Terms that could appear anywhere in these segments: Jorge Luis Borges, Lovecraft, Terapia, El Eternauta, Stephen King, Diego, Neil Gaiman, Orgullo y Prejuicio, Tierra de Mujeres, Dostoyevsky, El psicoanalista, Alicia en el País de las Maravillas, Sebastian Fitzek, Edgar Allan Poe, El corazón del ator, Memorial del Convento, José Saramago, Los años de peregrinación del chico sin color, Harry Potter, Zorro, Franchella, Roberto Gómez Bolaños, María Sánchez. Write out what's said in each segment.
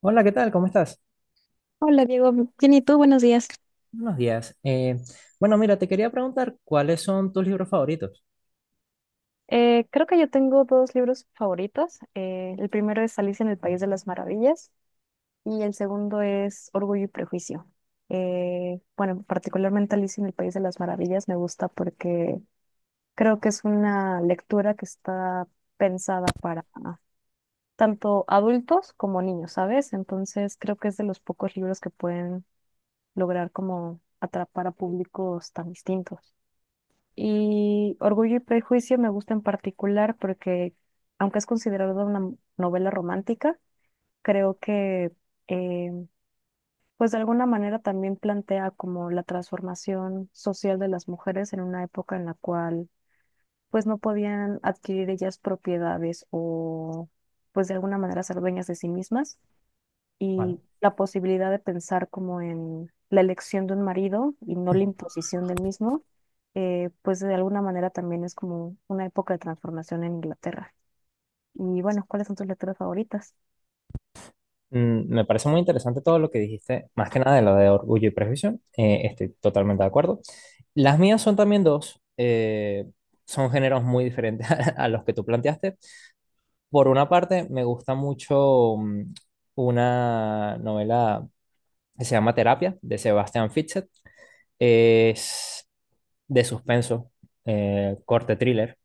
Hola, ¿qué tal? ¿Cómo estás? Hola Diego, bien y tú, buenos días. Buenos días. Bueno, mira, te quería preguntar cuáles son tus libros favoritos. Creo que yo tengo dos libros favoritos. El primero es Alicia en el País de las Maravillas y el segundo es Orgullo y Prejuicio. Bueno, particularmente Alicia en el País de las Maravillas me gusta porque creo que es una lectura que está pensada para tanto adultos como niños, ¿sabes? Entonces creo que es de los pocos libros que pueden lograr como atrapar a públicos tan distintos. Y Orgullo y Prejuicio me gusta en particular porque, aunque es considerada una novela romántica, creo que, eh, pues de alguna manera también plantea como la transformación social de las mujeres en una época en la cual, pues no podían adquirir ellas propiedades o, pues de alguna manera ser dueñas de sí mismas Vale. y la posibilidad de pensar como en la elección de un marido y no la imposición del mismo, pues de alguna manera también es como una época de transformación en Inglaterra. Y bueno, ¿cuáles son tus lecturas favoritas? Me parece muy interesante todo lo que dijiste, más que nada de lo de Orgullo y Prejuicio. Estoy totalmente de acuerdo. Las mías son también dos. Son géneros muy diferentes a los que tú planteaste. Por una parte, me gusta mucho una novela que se llama Terapia, de Sebastian Fitzek. Es de suspenso, corte thriller.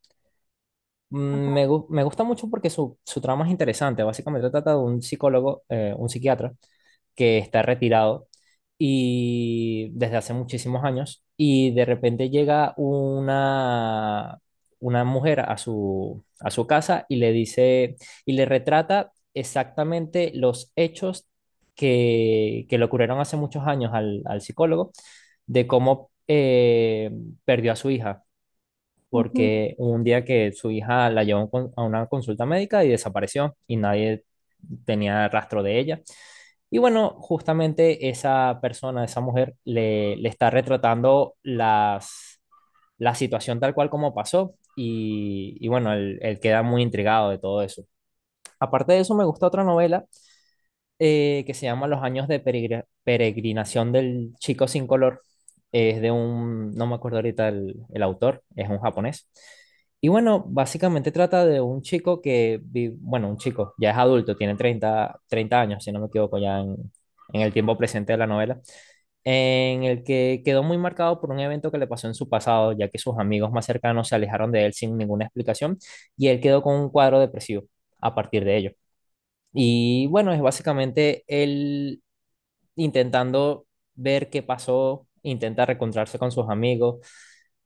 Me gusta mucho porque su trama es interesante. Básicamente trata de un psicólogo, un psiquiatra, que está retirado y desde hace muchísimos años, y de repente llega una mujer a a su casa y le dice y le retrata exactamente los hechos que le ocurrieron hace muchos años al psicólogo de cómo perdió a su hija Ujú. porque hubo un día que su hija la llevó a a una consulta médica y desapareció y nadie tenía rastro de ella. Y bueno, justamente esa persona, esa mujer, le está retratando la situación tal cual como pasó. Y bueno, él queda muy intrigado de todo eso. Aparte de eso, me gusta otra novela que se llama Los años de peregrinación del chico sin color. Es de un, no me acuerdo ahorita el autor, es un japonés. Y bueno, básicamente trata de un chico que, bueno, un chico, ya es adulto, tiene treinta años, si no me equivoco, ya en el tiempo presente de la novela, en el que quedó muy marcado por un evento que le pasó en su pasado, ya que sus amigos más cercanos se alejaron de él sin ninguna explicación y él quedó con un cuadro depresivo a partir de ello. Y bueno, es básicamente él intentando ver qué pasó, intenta reencontrarse con sus amigos.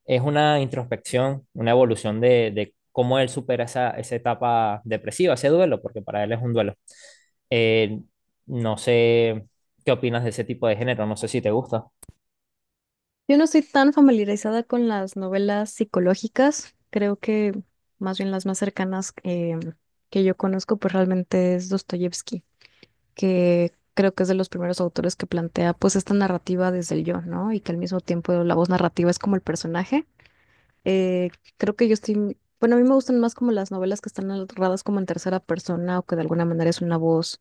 Es una introspección, una evolución de cómo él supera esa etapa depresiva, ese duelo, porque para él es un duelo. Eh, no sé qué opinas de ese tipo de género, no sé si te gusta. Yo no estoy tan familiarizada con las novelas psicológicas, creo que más bien las más cercanas que yo conozco, pues realmente es Dostoyevsky, que creo que es de los primeros autores que plantea pues esta narrativa desde el yo, ¿no? Y que al mismo tiempo la voz narrativa es como el personaje. Eh, Creo que yo estoy, bueno, a mí me gustan más como las novelas que están narradas como en tercera persona o que de alguna manera es una voz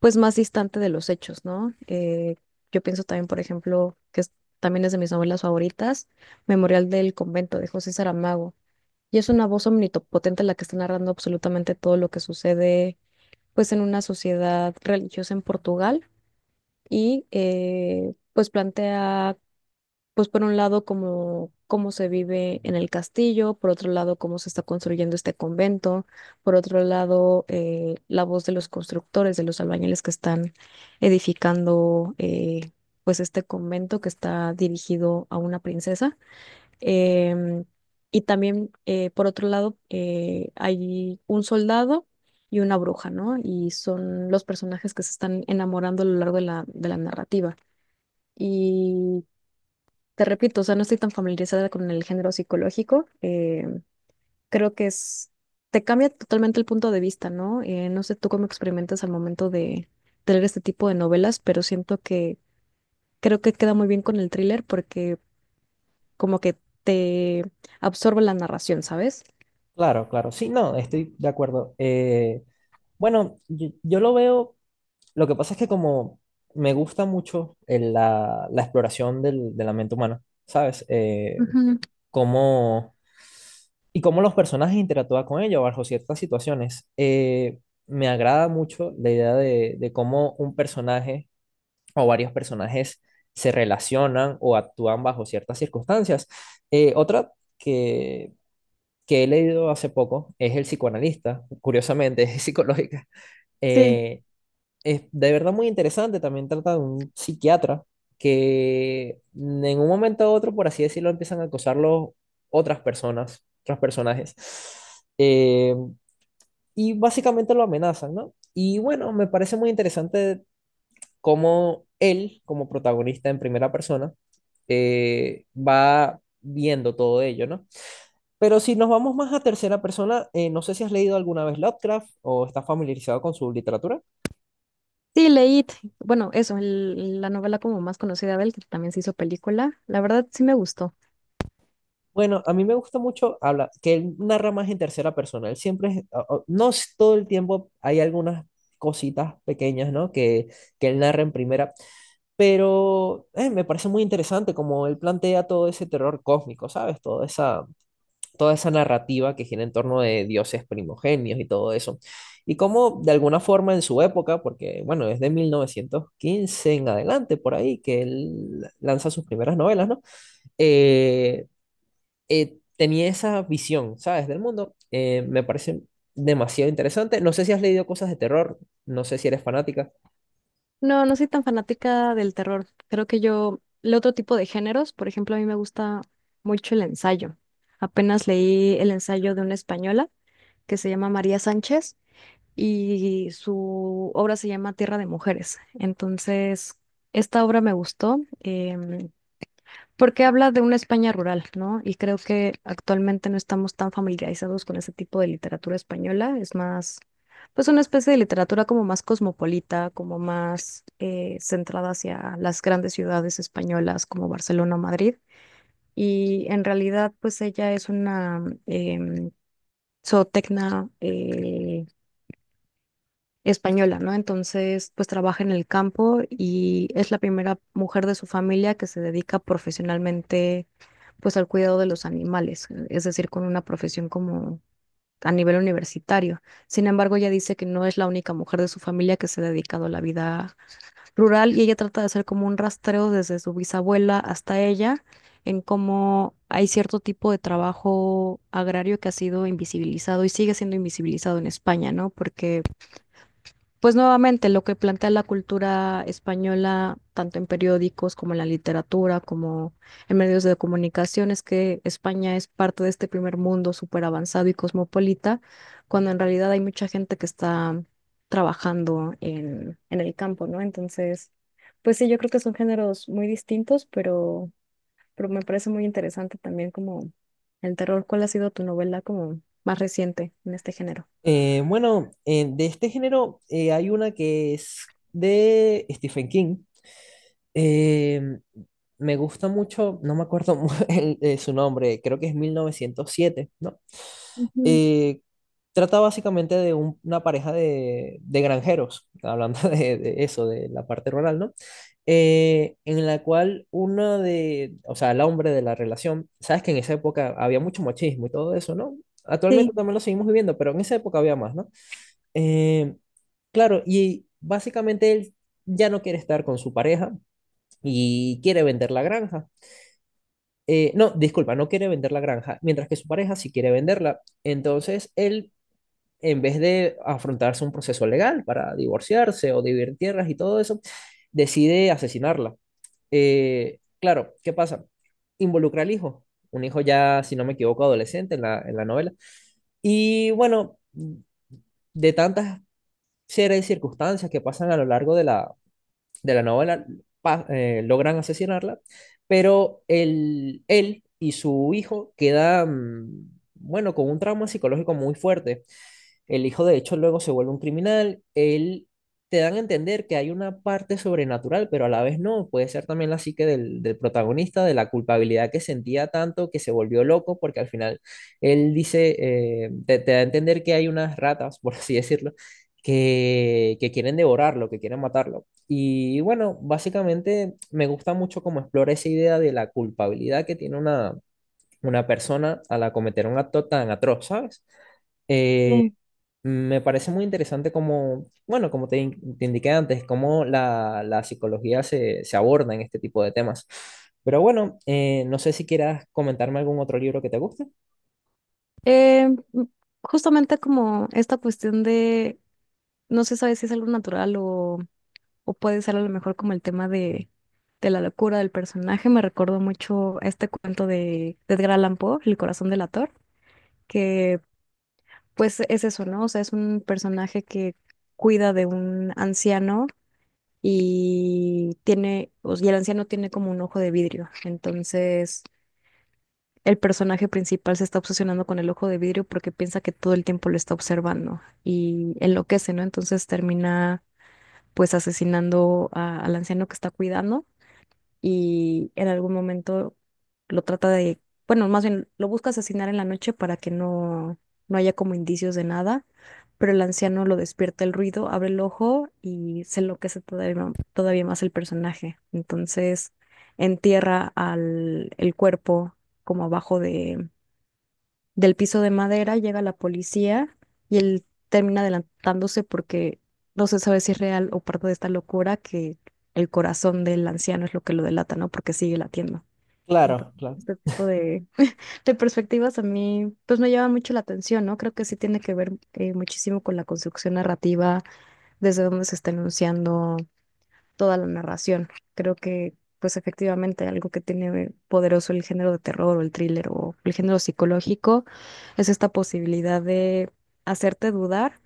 pues más distante de los hechos, ¿no? Yo pienso también, por ejemplo, también es de mis novelas favoritas, Memorial del Convento de José Saramago. Y es una voz omnipotente la que está narrando absolutamente todo lo que sucede pues en una sociedad religiosa en Portugal y pues plantea pues por un lado cómo, cómo se vive en el castillo, por otro lado cómo se está construyendo este convento, por otro lado la voz de los constructores, de los albañiles que están edificando pues este convento que está dirigido a una princesa. Em, y también por otro lado hay un soldado y una bruja, ¿no? Y son los personajes que se están enamorando a lo largo de de la narrativa. Y te repito, o sea, no estoy tan familiarizada con el género psicológico. Creo que es, te cambia totalmente el punto de vista, ¿no? No sé tú cómo experimentas al momento de leer este tipo de novelas, pero siento que creo que queda muy bien con el thriller porque como que te absorbe la narración, ¿sabes? Claro, claro. Sí, no, estoy de acuerdo. Bueno, yo lo veo. Lo que pasa es que como me gusta mucho la exploración de la mente humana, ¿sabes? Ujú. cómo, ¿Y cómo los personajes interactúan con ella bajo ciertas situaciones? Me agrada mucho la idea de cómo un personaje o varios personajes se relacionan o actúan bajo ciertas circunstancias. Otra que, que he leído hace poco es El psicoanalista, curiosamente, es psicológica. Sí. Eh, es de verdad muy interesante. También trata de un psiquiatra que en un momento u otro, por así decirlo, empiezan a acosarlo otras personas, otros personajes. Eh, y básicamente lo amenazan, ¿no? Y bueno, me parece muy interesante cómo él, como protagonista en primera persona, va viendo todo ello, ¿no? Pero si nos vamos más a tercera persona, no sé si has leído alguna vez Lovecraft o estás familiarizado con su literatura. Sí, leí, bueno, eso, la novela como más conocida de él, que también se hizo película. La verdad sí me gustó. Bueno, a mí me gusta mucho habla, que él narra más en tercera persona. Él siempre es, no es todo el tiempo, hay algunas cositas pequeñas, ¿no? Que él narra en primera, pero me parece muy interesante como él plantea todo ese terror cósmico, ¿sabes? Toda esa narrativa que gira en torno de dioses primogenios y todo eso. Y cómo de alguna forma en su época, porque bueno, es de 1915 en adelante, por ahí, que él lanza sus primeras novelas, ¿no? eh, Tenía esa visión, ¿sabes? Del mundo. Me parece demasiado interesante. No sé si has leído cosas de terror, no sé si eres fanática. No, no soy tan fanática del terror. Creo que yo, el otro tipo de géneros, por ejemplo, a mí me gusta mucho el ensayo. Apenas leí el ensayo de una española que se llama María Sánchez y su obra se llama Tierra de Mujeres. Entonces, esta obra me gustó. Porque habla de una España rural, ¿no? Y creo que actualmente no estamos tan familiarizados con ese tipo de literatura española, es más, pues una especie de literatura como más cosmopolita, como más centrada hacia las grandes ciudades españolas como Barcelona o Madrid. Y en realidad, pues ella es una zootecna española, ¿no? Entonces, pues trabaja en el campo y es la primera mujer de su familia que se dedica profesionalmente pues al cuidado de los animales, es decir, con una profesión como a nivel universitario. Sin embargo, ella dice que no es la única mujer de su familia que se ha dedicado a la vida rural y ella trata de hacer como un rastreo desde su bisabuela hasta ella en cómo hay cierto tipo de trabajo agrario que ha sido invisibilizado y sigue siendo invisibilizado en España, ¿no? Porque pues nuevamente lo que plantea la cultura española, tanto en periódicos como en la literatura, como en medios de comunicación, es que España es parte de este primer mundo súper avanzado y cosmopolita, cuando en realidad hay mucha gente que está trabajando en el campo, ¿no? Entonces, pues sí, yo creo que son géneros muy distintos, pero me parece muy interesante también como el terror. ¿Cuál ha sido tu novela como más reciente en este género? Bueno, de este género hay una que es de Stephen King. Eh, Me gusta mucho, no me acuerdo su nombre, creo que es 1907, ¿no? Ujú. Eh, Trata básicamente de una pareja de granjeros, hablando de eso, de la parte rural, ¿no? En la cual uno de, o sea, el hombre de la relación, sabes que en esa época había mucho machismo y todo eso, ¿no? Actualmente Sí, también lo seguimos viviendo, pero en esa época había más, ¿no? Eh, Claro, y básicamente él ya no quiere estar con su pareja y quiere vender la granja. No, disculpa, no quiere vender la granja, mientras que su pareja sí quiere venderla. Entonces él, en vez de afrontarse un proceso legal para divorciarse o dividir tierras y todo eso, decide asesinarla. Claro, ¿qué pasa? Involucra al hijo, un hijo ya, si no me equivoco, adolescente en en la novela. Y bueno, de tantas series de circunstancias que pasan a lo largo de de la novela logran asesinarla, pero él y su hijo quedan, bueno, con un trauma psicológico muy fuerte. El hijo, de hecho, luego se vuelve un criminal. Él te dan a entender que hay una parte sobrenatural, pero a la vez no. Puede ser también la psique del protagonista, de la culpabilidad que sentía tanto que se volvió loco, porque al final él dice, te da a entender que hay unas ratas, por así decirlo, que quieren devorarlo, que quieren matarlo. Y bueno, básicamente me gusta mucho cómo explora esa idea de la culpabilidad que tiene una persona al cometer un acto tan atroz, ¿sabes? Eh, sí. Me parece muy interesante como, bueno, como te indiqué antes, cómo la psicología se aborda en este tipo de temas. Pero bueno, no sé si quieras comentarme algún otro libro que te guste. Eh, m- Justamente como esta cuestión de, no se sabe si es algo natural o puede ser a lo mejor como el tema de la locura del personaje, me recordó mucho a este cuento de Edgar Allan Poe, El corazón del ator, que pues es eso, ¿no? O sea, es un personaje que cuida de un anciano y tiene, o sea, y el anciano tiene como un ojo de vidrio, entonces el personaje principal se está obsesionando con el ojo de vidrio porque piensa que todo el tiempo lo está observando y enloquece, ¿no? Entonces termina pues al anciano que está cuidando y en algún momento lo trata de, bueno, más bien lo busca asesinar en la noche para que no, no haya como indicios de nada, pero el anciano lo despierta el ruido, abre el ojo y se enloquece todavía, todavía más el personaje. Entonces entierra al, el cuerpo como abajo de, del piso de madera, llega la policía y él termina adelantándose porque no se sabe si es real o parte de esta locura que el corazón del anciano es lo que lo delata, ¿no? Porque sigue latiendo. Entonces, Claro, claro. este tipo de perspectivas a mí, pues me llama mucho la atención, ¿no? Creo que sí tiene que ver muchísimo con la construcción narrativa, desde dónde se está enunciando, toda la narración. Creo que, pues efectivamente, algo que tiene poderoso el género de terror o el thriller o el género psicológico es esta posibilidad de hacerte dudar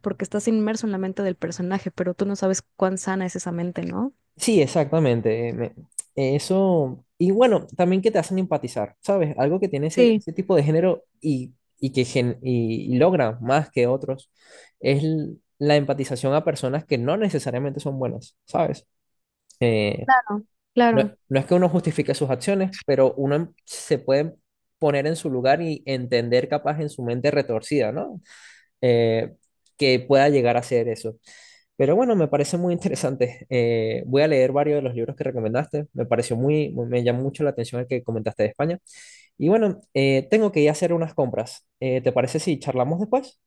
porque estás inmerso en la mente del personaje, pero tú no sabes cuán sana es esa mente, ¿no? Sí, exactamente. Eso, y bueno, también que te hacen empatizar, ¿sabes? Algo que tiene Sí. ese tipo de género y logra más que otros es la empatización a personas que no necesariamente son buenas, ¿sabes? Eh, Claro, No, claro. no es que uno justifique sus acciones, pero se puede poner en su lugar y entender capaz en su mente retorcida, ¿no? Eh, que pueda llegar a ser eso. Pero bueno, me parece muy interesante. Voy a leer varios de los libros que recomendaste. Me pareció muy, me llamó mucho la atención el que comentaste de España. Y bueno, tengo que ir a hacer unas compras. ¿Te parece si charlamos después?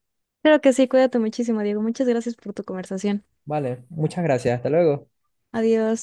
Claro que sí, cuídate muchísimo, Diego. Muchas gracias por tu conversación. Vale, muchas gracias. Hasta luego. Adiós.